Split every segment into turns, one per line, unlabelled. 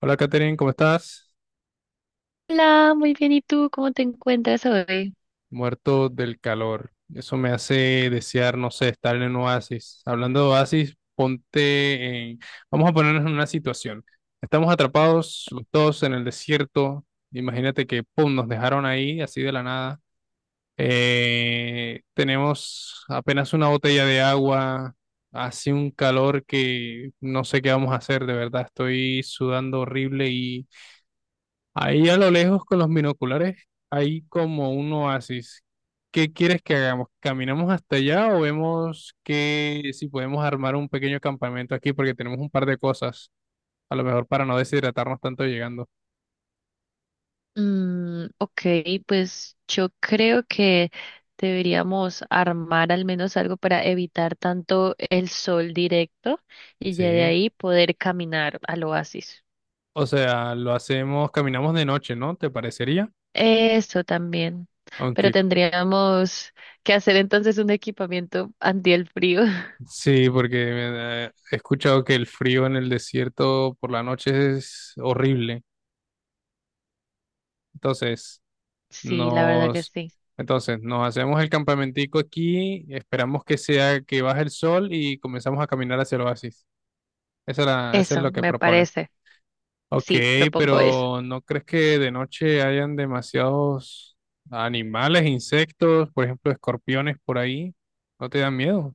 Hola Katherine, ¿cómo estás?
Hola, muy bien. ¿Y tú cómo te encuentras hoy?
Muerto del calor. Eso me hace desear, no sé, estar en un oasis. Hablando de oasis, ponte en... Vamos a ponernos en una situación. Estamos atrapados los dos en el desierto. Imagínate que, pum, nos dejaron ahí, así de la nada. Tenemos apenas una botella de agua. Hace un calor que no sé qué vamos a hacer, de verdad. Estoy sudando horrible y ahí a lo lejos con los binoculares hay como un oasis. ¿Qué quieres que hagamos? ¿Caminamos hasta allá o vemos que si podemos armar un pequeño campamento aquí? Porque tenemos un par de cosas, a lo mejor para no deshidratarnos tanto llegando.
Mm, ok, pues yo creo que deberíamos armar al menos algo para evitar tanto el sol directo y ya de
Sí.
ahí poder caminar al oasis.
O sea, lo hacemos, caminamos de noche, ¿no? ¿Te parecería?
Eso también. Pero
Aunque
tendríamos que hacer entonces un equipamiento anti el frío.
sí, porque he escuchado que el frío en el desierto por la noche es horrible. Entonces...
Sí, la verdad que
Nos,
sí.
entonces, nos hacemos el campamentico aquí, esperamos que sea que baje el sol y comenzamos a caminar hacia el oasis. Eso es
Eso,
lo que
me
propone.
parece.
Ok,
Sí, propongo eso.
pero ¿no crees que de noche hayan demasiados animales, insectos, por ejemplo, escorpiones por ahí? ¿No te dan miedo?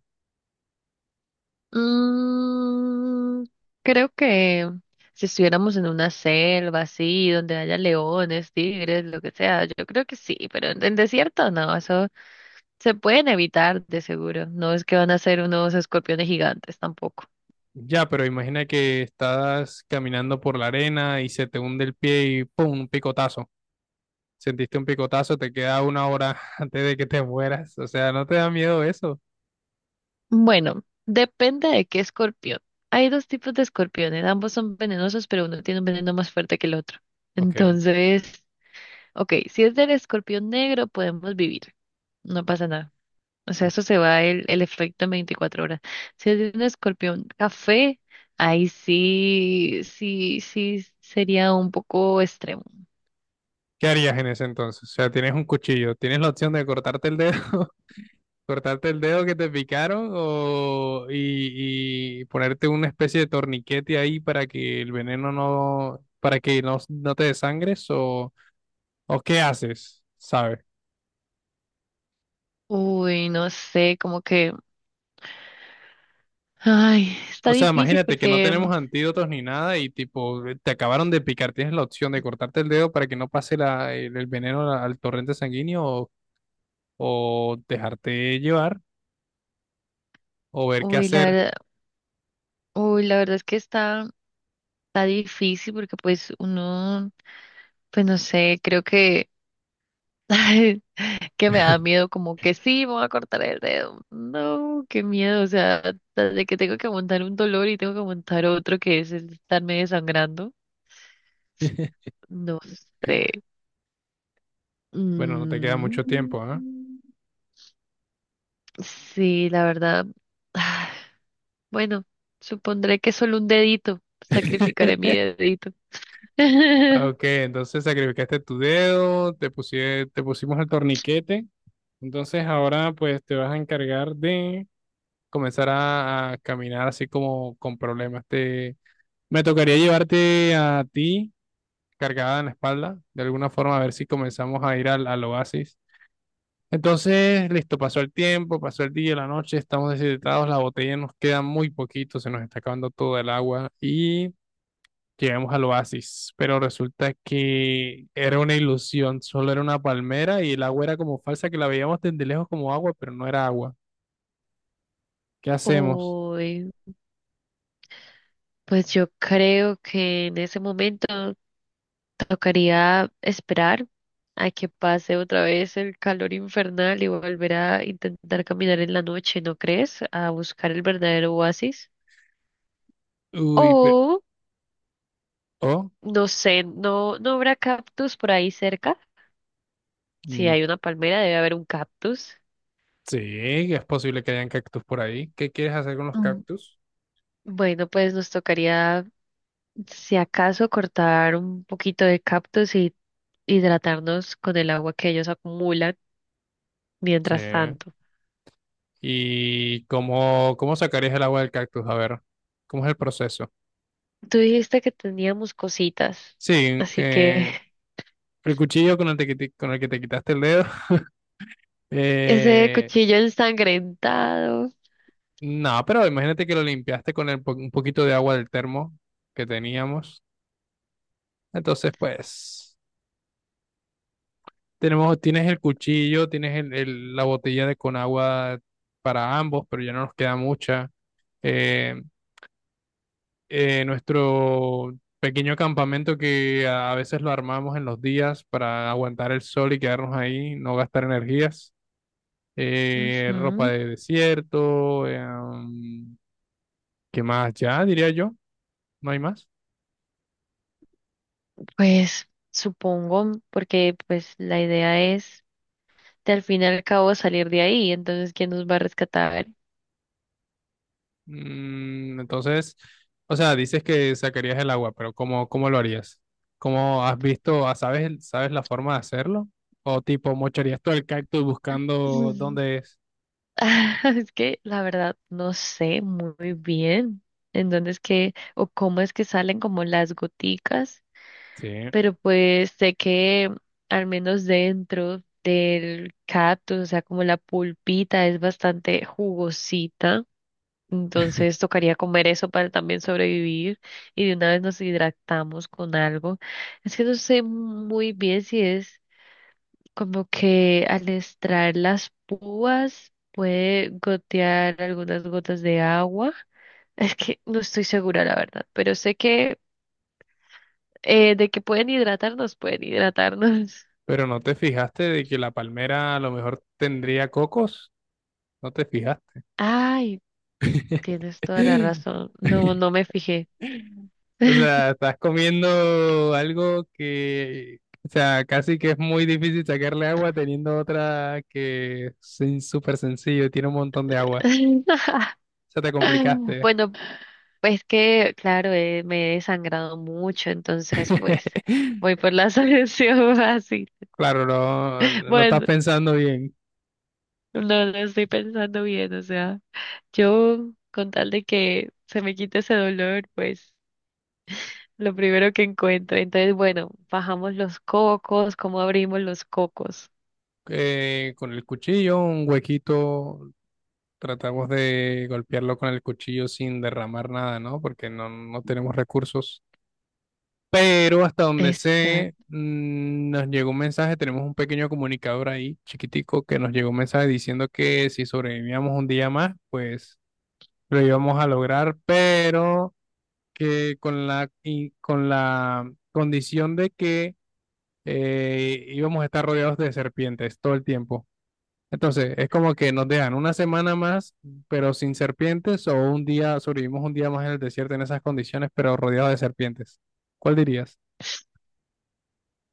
Mm, creo que si estuviéramos en una selva así, donde haya leones, tigres, lo que sea, yo creo que sí, pero en desierto no, eso se pueden evitar de seguro. No es que van a ser unos escorpiones gigantes tampoco.
Ya, pero imagina que estás caminando por la arena y se te hunde el pie y ¡pum!, un picotazo. Sentiste un picotazo, te queda una hora antes de que te mueras. O sea, ¿no te da miedo eso?
Bueno, depende de qué escorpión. Hay dos tipos de escorpiones, ambos son venenosos, pero uno tiene un veneno más fuerte que el otro.
Ok.
Entonces, ok, si es del escorpión negro, podemos vivir, no pasa nada. O sea, eso se va el efecto en 24 horas. Si es de un escorpión café, ahí sí, sí, sí sería un poco extremo.
¿Qué harías en ese entonces? O sea, tienes un cuchillo, tienes la opción de cortarte el dedo, cortarte el dedo que te picaron o y ponerte una especie de torniquete ahí para que el veneno no, para que no te desangres, o qué haces, ¿sabes?
Uy, no sé, como que, ay, está
O sea,
difícil
imagínate que no
porque,
tenemos antídotos ni nada y tipo te acabaron de picar, tienes la opción de cortarte el dedo para que no pase el veneno al torrente sanguíneo, o dejarte llevar o ver qué
uy, la
hacer.
verdad, uy, la verdad es que está, está difícil porque pues uno, pues no sé, creo que que me da miedo, como que sí, me voy a cortar el dedo. No, qué miedo, o sea, de que tengo que montar un dolor y tengo que montar otro que es el estarme desangrando. No sé.
Bueno, no te queda mucho
Mm,
tiempo, ¿ah?
sí, la verdad. Bueno, supondré que solo un dedito. Sacrificaré mi dedito.
Ok, entonces sacrificaste tu dedo, te pusimos el torniquete. Entonces ahora pues te vas a encargar de comenzar a caminar así como con problemas. Te, me tocaría llevarte a ti cargada en la espalda, de alguna forma a ver si comenzamos a ir al oasis. Entonces, listo, pasó el tiempo, pasó el día, la noche, estamos deshidratados, la botella nos queda muy poquito, se nos está acabando todo el agua y llegamos al oasis, pero resulta que era una ilusión, solo era una palmera y el agua era como falsa, que la veíamos desde lejos como agua, pero no era agua. ¿Qué hacemos?
Uy, pues yo creo que en ese momento tocaría esperar a que pase otra vez el calor infernal y volver a intentar caminar en la noche, ¿no crees? A buscar el verdadero oasis.
Uy, pero...
O,
Oh,
no sé, ¿no, no habrá cactus por ahí cerca? Si
mm,
hay una palmera, debe haber un cactus.
sí, es posible que hayan cactus por ahí. ¿Qué quieres hacer con los
Mm,
cactus?
bueno, pues nos tocaría, si acaso, cortar un poquito de cactus y hidratarnos con el agua que ellos acumulan
Sí.
mientras tanto.
¿Y cómo, cómo sacarías el agua del cactus? A ver, ¿cómo es el proceso?
Tú dijiste que teníamos cositas,
Sí,
así que...
el cuchillo con el, con el que te quitaste el dedo.
Ese
Eh,
cuchillo ensangrentado.
no, pero imagínate que lo limpiaste con el un poquito de agua del termo que teníamos. Entonces, pues, tenemos, tienes el cuchillo, tienes la botella de con agua para ambos, pero ya no nos queda mucha. Eh, Nuestro pequeño campamento que a veces lo armamos en los días para aguantar el sol y quedarnos ahí, no gastar energías. Ropa
Ujú,
de desierto, ¿qué más? Ya diría yo, no hay más.
pues supongo, porque pues la idea es de al fin y al cabo salir de ahí, entonces ¿quién nos va a rescatar?
Mm, entonces, o sea, dices que sacarías el agua, pero ¿cómo, cómo lo harías? ¿Cómo has visto, ah, sabes, sabes la forma de hacerlo? O tipo, mocharías todo el cactus buscando
Mm.
dónde es.
Es que la verdad no sé muy bien en dónde es que o cómo es que salen como las goticas,
Sí.
pero pues sé que al menos dentro del cactus, o sea, como la pulpita es bastante jugosita. Entonces tocaría comer eso para también sobrevivir y de una vez nos hidratamos con algo. Es que no sé muy bien si es como que al extraer las púas puede gotear algunas gotas de agua. Es que no estoy segura la verdad, pero sé que de que pueden hidratarnos, pueden hidratarnos.
Pero no te fijaste de que la palmera a lo mejor tendría cocos, no te fijaste.
Ay, tienes toda la razón. No, no me fijé.
O sea, estás comiendo algo que, o sea, casi que es muy difícil sacarle agua teniendo otra que es súper sencillo, tiene un montón de agua. O sea, te complicaste.
Bueno, pues que, claro, me he desangrado mucho, entonces pues voy por la solución fácil.
Claro, no, no estás
Bueno,
pensando bien.
no lo estoy pensando bien, o sea, yo con tal de que se me quite ese dolor, pues lo primero que encuentre. Entonces, bueno, bajamos los cocos, ¿cómo abrimos los cocos?
Con el cuchillo, un huequito, tratamos de golpearlo con el cuchillo sin derramar nada, ¿no? Porque no, no tenemos recursos. Pero hasta donde sé,
Exacto.
mm, nos llegó un mensaje, tenemos un pequeño comunicador ahí, chiquitico, que nos llegó un mensaje diciendo que si sobrevivíamos un día más, pues lo íbamos a lograr, pero que con la condición de que íbamos a estar rodeados de serpientes todo el tiempo. Entonces, es como que nos dejan una semana más, pero sin serpientes, o un día, sobrevivimos un día más en el desierto en esas condiciones, pero rodeados de serpientes. ¿Cuál dirías?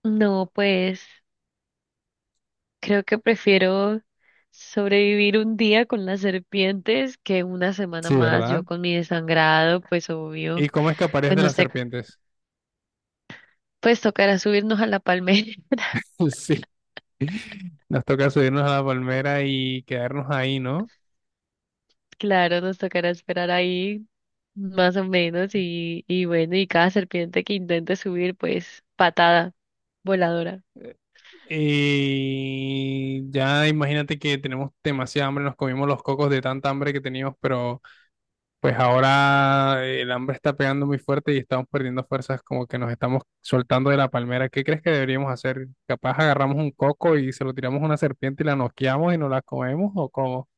No, pues creo que prefiero sobrevivir un día con las serpientes que una semana
Sí,
más
¿verdad?
yo con mi desangrado, pues obvio.
¿Y cómo escaparías
Pues
de
nos
las
te-
serpientes?
pues tocará subirnos a la palmera.
Sí, nos toca subirnos a la palmera y quedarnos ahí, ¿no?
Claro, nos tocará esperar ahí más o menos y bueno, y cada serpiente que intente subir, pues patada voladora.
Y ya imagínate que tenemos demasiada hambre, nos comimos los cocos de tanta hambre que teníamos, pero pues ahora el hambre está pegando muy fuerte y estamos perdiendo fuerzas, como que nos estamos soltando de la palmera. ¿Qué crees que deberíamos hacer? ¿Capaz agarramos un coco y se lo tiramos a una serpiente y la noqueamos y nos la comemos o cómo?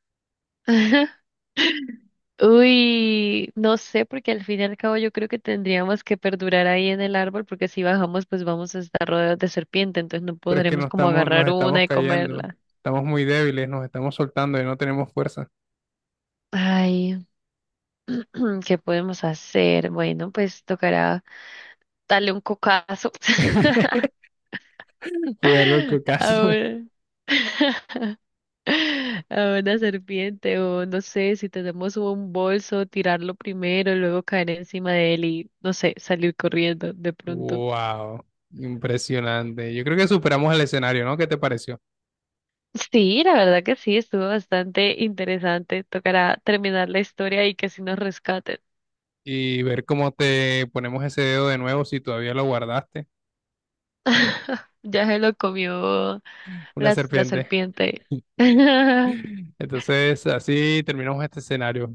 Uy, no sé, porque al fin y al cabo yo creo que tendríamos que perdurar ahí en el árbol, porque si bajamos, pues vamos a estar rodeados de serpiente, entonces no
Pero es que
podremos como
nos
agarrar una
estamos
y
cayendo,
comerla.
estamos muy débiles, nos estamos soltando y no tenemos fuerza.
Ay, ¿qué podemos hacer? Bueno, pues tocará darle un cocazo
Cuidado loco, caso.
ahora. A una serpiente o no sé, si tenemos un bolso, tirarlo primero, luego caer encima de él y no sé, salir corriendo de pronto.
Wow, impresionante. Yo creo que superamos el escenario, ¿no? ¿Qué te pareció?
Sí, la verdad que sí, estuvo bastante interesante. Tocará terminar la historia y que sí nos rescaten.
Y ver cómo te ponemos ese dedo de nuevo si todavía lo guardaste,
Ya se lo comió
una
la
serpiente.
serpiente.
Entonces, así terminamos este escenario.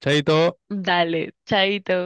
Chaito.
Dale, chaito.